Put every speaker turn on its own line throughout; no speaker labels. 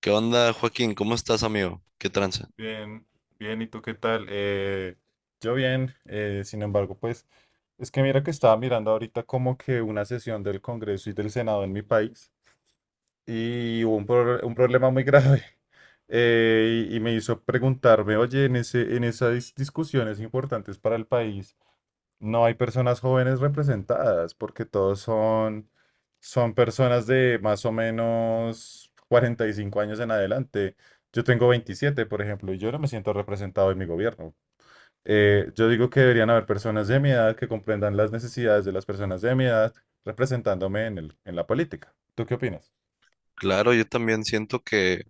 ¿Qué onda, Joaquín? ¿Cómo estás, amigo? ¿Qué tranza?
Bien, bien, ¿y tú qué tal? Yo bien, sin embargo, pues es que mira que estaba mirando ahorita como que una sesión del Congreso y del Senado en mi país y hubo un problema muy grave y me hizo preguntarme, oye, en esas discusiones importantes para el país no hay personas jóvenes representadas, porque todos son personas de más o menos 45 años en adelante. Yo tengo 27, por ejemplo, y yo no me siento representado en mi gobierno. Yo digo que deberían haber personas de mi edad que comprendan las necesidades de las personas de mi edad representándome en la política. ¿Tú qué opinas?
Claro, yo también siento que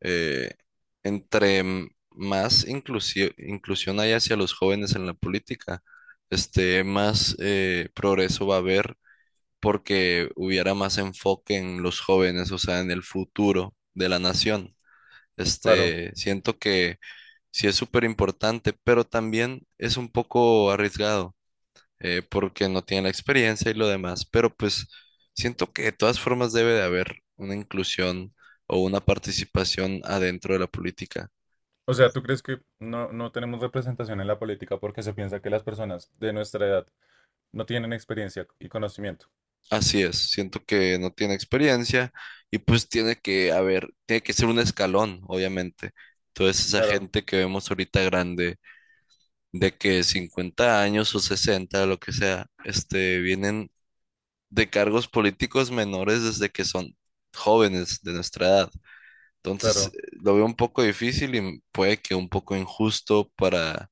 eh, entre más inclusión hay hacia los jóvenes en la política, este, más progreso va a haber porque hubiera más enfoque en los jóvenes, o sea, en el futuro de la nación.
Claro.
Este, siento que sí es súper importante, pero también es un poco arriesgado. Porque no tienen la experiencia y lo demás, pero pues siento que de todas formas debe de haber una inclusión o una participación adentro de la política.
O sea, ¿tú crees que no tenemos representación en la política porque se piensa que las personas de nuestra edad no tienen experiencia y conocimiento?
Así es, siento que no tiene experiencia y pues tiene que haber, tiene que ser un escalón, obviamente. Entonces esa
Claro,
gente que vemos ahorita grande, de que 50 años o 60, lo que sea, este, vienen de cargos políticos menores desde que son jóvenes de nuestra edad. Entonces,
claro.
lo veo un poco difícil y puede que un poco injusto para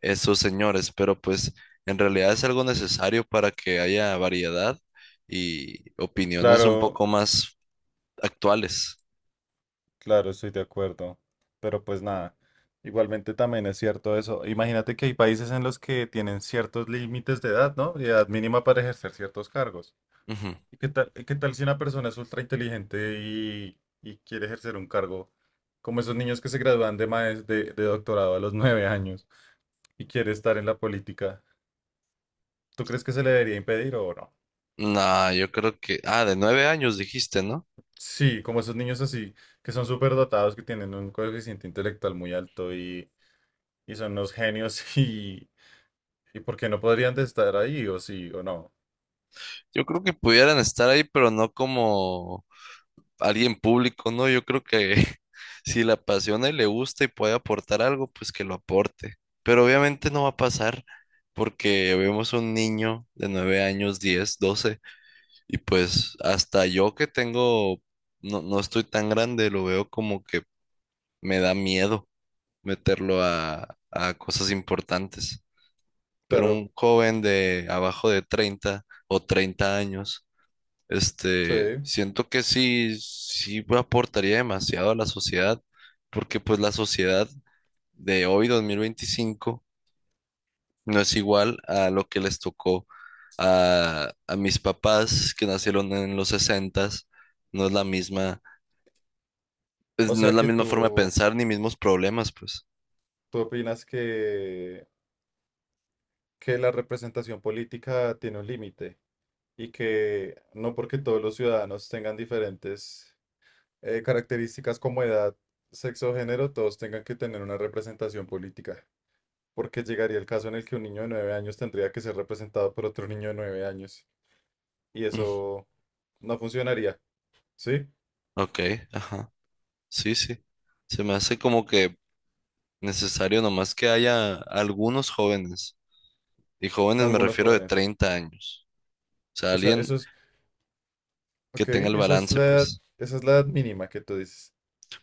esos señores, pero pues en realidad es algo necesario para que haya variedad y opiniones un poco
Claro,
más actuales.
claro, estoy de acuerdo. Pero pues nada, igualmente también es cierto eso. Imagínate que hay países en los que tienen ciertos límites de edad, ¿no? De edad mínima para ejercer ciertos cargos.
Ujú.
¿Y qué tal si una persona es ultra inteligente y quiere ejercer un cargo? Como esos niños que se gradúan de doctorado a los 9 años y quiere estar en la política. ¿Tú crees que se le debería impedir o no?
No, yo creo que, ah, de 9 años dijiste, ¿no?
Sí, como esos niños así, que son súper dotados, que tienen un coeficiente intelectual muy alto y son unos genios y ¿por qué no podrían de estar ahí o sí o no?
Yo creo que pudieran estar ahí, pero no como alguien público, ¿no? Yo creo que si le apasiona y le gusta y puede aportar algo, pues que lo aporte. Pero obviamente no va a pasar porque vemos un niño de 9 años, 10 12 y pues hasta yo que tengo, no, no estoy tan grande, lo veo como que me da miedo meterlo a cosas importantes. Pero
Claro,
un joven de abajo de 30 o 30 años
sí.
este, siento que sí, sí aportaría demasiado a la sociedad, porque pues la sociedad de hoy, 2025, no es igual a lo que les tocó a mis papás que nacieron en los sesentas, no es la misma, pues,
O
no
sea
es la
que
misma forma de
tú,
pensar ni mismos problemas, pues.
tú opinas que, la representación política tiene un límite y que no porque todos los ciudadanos tengan diferentes características como edad, sexo, o género, todos tengan que tener una representación política. Porque llegaría el caso en el que un niño de 9 años tendría que ser representado por otro niño de 9 años. Y
Mm,
eso no funcionaría, ¿sí?
ok, ajá, sí, sí. Se me hace como que necesario nomás que haya algunos jóvenes, y jóvenes me
Algunos
refiero de
jóvenes.
30 años. O sea,
O sea,
alguien
eso es,
que
ok,
tenga el balance, pues.
esa es la edad mínima que tú dices.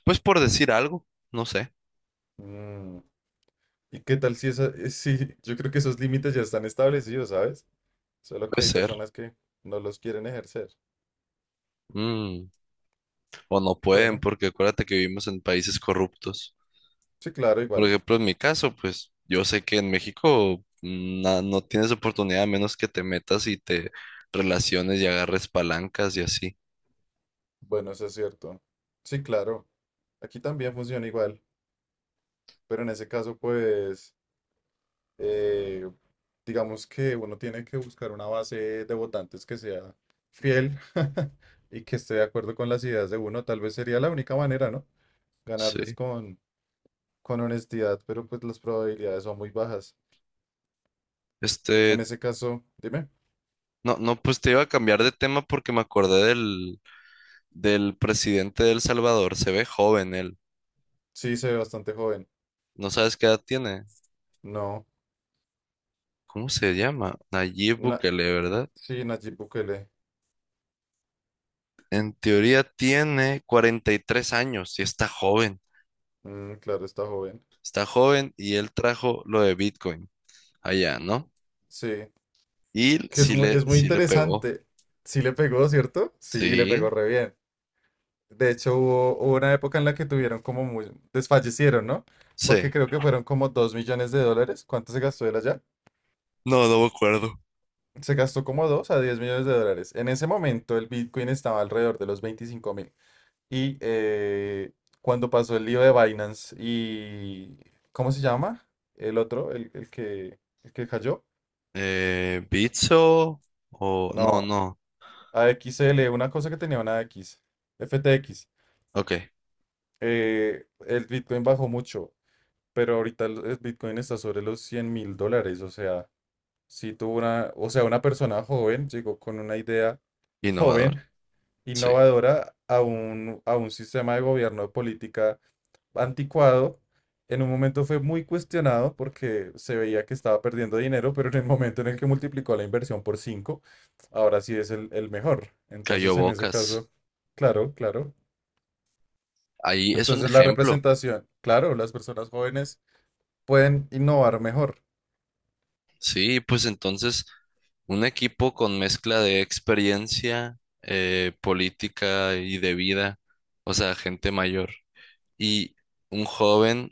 Pues por decir algo, no sé,
Mm. ¿Y qué tal si esa, Sí, yo creo que esos límites ya están establecidos, ¿sabes? Solo
puede
que hay
ser.
personas que no los quieren ejercer.
Mm. O no pueden,
Bueno,
porque acuérdate que vivimos en países corruptos.
sí, claro,
Por
igual.
ejemplo, en mi caso, pues yo sé que en México no tienes oportunidad a menos que te metas y te relaciones y agarres palancas y así.
Bueno, eso es cierto. Sí, claro. Aquí también funciona igual, pero en ese caso, pues, eh, digamos que uno tiene que buscar una base de votantes que sea fiel y que esté de acuerdo con las ideas de uno. Tal vez sería la única manera, ¿no? Ganarles
Sí.
con honestidad, pero pues las probabilidades son muy bajas. En
Este,
ese caso, dime,
no, no, pues te iba a cambiar de tema porque me acordé del presidente de El Salvador. Se ve joven él.
sí se ve bastante joven.
¿No sabes qué edad tiene?
No,
¿Cómo se llama? Nayib
na-
Bukele, ¿verdad?
sí, Nayib Bukele.
En teoría tiene 43 años y está joven.
Mm, claro, está joven.
Está joven y él trajo lo de Bitcoin allá, ¿no?
Sí,
Y
que es muy
sí le pegó.
interesante. Sí le pegó, ¿cierto? Sí, le pegó
Sí,
re bien. De hecho, hubo una época en la que tuvieron como desfallecieron, ¿no?
sí.
Porque creo que fueron como 2 millones de dólares. ¿Cuánto se gastó él allá?
No, no me acuerdo.
Se gastó como 2 a 10 millones de dólares. En ese momento el Bitcoin estaba alrededor de los 25.000. Y eh, cuando pasó el lío de Binance y... ¿Cómo se llama? El otro, el que cayó.
Bitso o... No,
No,
no.
a AXL, una cosa que tenía una X, FTX.
Ok,
El Bitcoin bajó mucho, pero ahorita el Bitcoin está sobre los 100.000 dólares. O sea, si tuvo una, o sea, una persona joven llegó con una idea
innovador.
joven
Sí.
innovadora a un sistema de gobierno de política anticuado. En un momento fue muy cuestionado porque se veía que estaba perdiendo dinero, pero en el momento en el que multiplicó la inversión por 5 ahora sí es el mejor.
Cayó
Entonces, en ese
bocas.
caso, claro, claro.
Ahí es un
Entonces, la
ejemplo.
representación, claro, las personas jóvenes pueden innovar mejor,
Sí, pues entonces un equipo con mezcla de experiencia política y de vida, o sea, gente mayor. Y un joven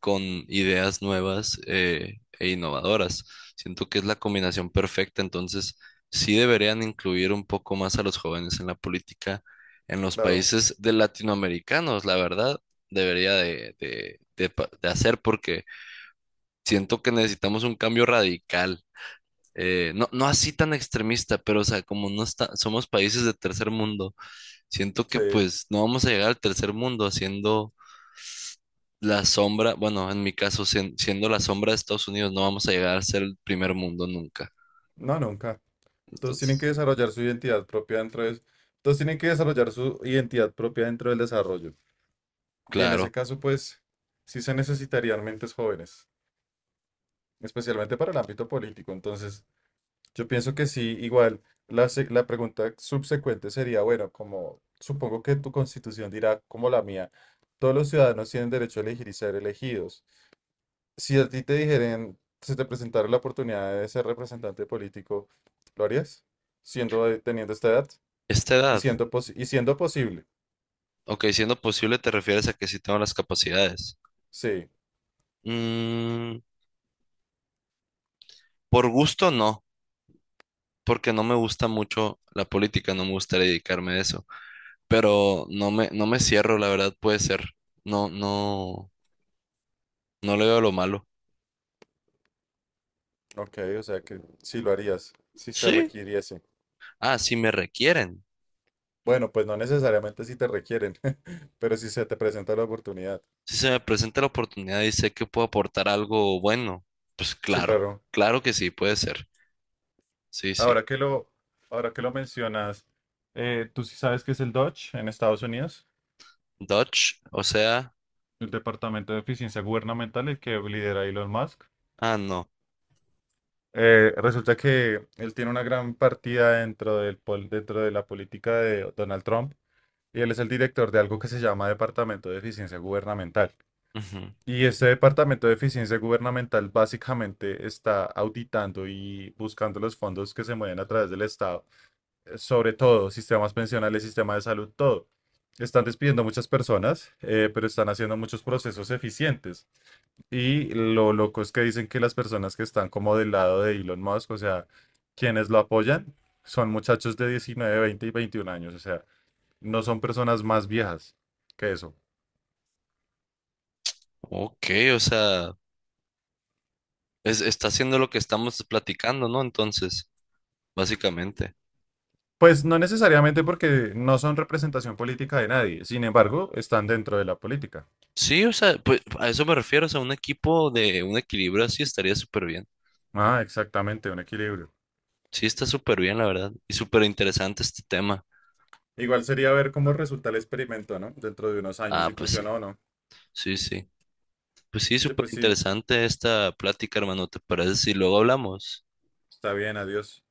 con ideas nuevas e innovadoras. Siento que es la combinación perfecta, entonces sí deberían incluir un poco más a los jóvenes en la política en los
claro,
países de latinoamericanos, la verdad, debería de hacer porque siento que necesitamos un cambio radical. No, no así tan extremista, pero o sea, como no está, somos países de tercer mundo, siento que
sí,
pues no vamos a llegar al tercer mundo haciendo la sombra, bueno, en mi caso, siendo la sombra de Estados Unidos, no vamos a llegar a ser el primer mundo nunca.
no, nunca. Todos tienen que
Entonces,
desarrollar su identidad propia Todos tienen que desarrollar su identidad propia dentro del desarrollo. Y en ese
claro,
caso, pues, sí se necesitarían mentes jóvenes, especialmente para el ámbito político. Entonces, yo pienso que sí, igual, la pregunta subsecuente sería, bueno, como supongo que tu constitución dirá, como la mía, todos los ciudadanos tienen derecho a elegir y ser elegidos. Si a ti te dijeran, se te presentara la oportunidad de ser representante político, ¿lo harías? Teniendo esta edad
esta
y
edad,
siendo, posi- y siendo posible.
ok, siendo posible, te refieres a que sí tengo las capacidades.
Sí,
Mm, por gusto no, porque no me gusta mucho la política, no me gustaría dedicarme a eso, pero no me, no me cierro, la verdad, puede ser. No, no, no le veo lo malo.
ok, o sea que sí lo harías, si se
Sí.
requiriese.
Ah, si me requieren.
Bueno, pues no necesariamente si te requieren, pero si se te presenta la oportunidad.
Si se me presenta la oportunidad y sé que puedo aportar algo bueno, pues
Sí,
claro,
claro.
claro que sí, puede ser. Sí, sí.
Ahora que lo, ahora que lo mencionas, ¿tú sí sabes qué es el Dodge en Estados Unidos?
Dodge, o sea,
El Departamento de Eficiencia Gubernamental, el que lidera Elon Musk.
ah, no.
Resulta que él tiene una gran partida dentro de la política de Donald Trump y él es el director de algo que se llama Departamento de Eficiencia Gubernamental.
Ujú.
Y este Departamento de Eficiencia Gubernamental básicamente está auditando y buscando los fondos que se mueven a través del Estado, sobre todo sistemas pensionales, sistema de salud, todo. Están despidiendo muchas personas, pero están haciendo muchos procesos eficientes. Y lo loco es que dicen que las personas que están como del lado de Elon Musk, o sea, quienes lo apoyan, son muchachos de 19, 20 y 21 años, o sea, no son personas más viejas que eso.
Ok, o sea, está haciendo lo que estamos platicando, ¿no? Entonces, básicamente.
Pues no necesariamente porque no son representación política de nadie, sin embargo, están dentro de la política.
Sí, o sea, pues a eso me refiero, o sea, un equipo de un equilibrio así estaría súper bien.
Ah, exactamente, un equilibrio.
Sí, está súper bien, la verdad. Y súper interesante este tema.
Igual sería ver cómo resulta el experimento, ¿no? Dentro de unos años,
Ah,
si
pues sí,
funciona o no.
sí, sí. Pues sí,
Oye,
súper
pues sí,
interesante esta plática, hermano. ¿Te parece si luego hablamos?
está bien, adiós.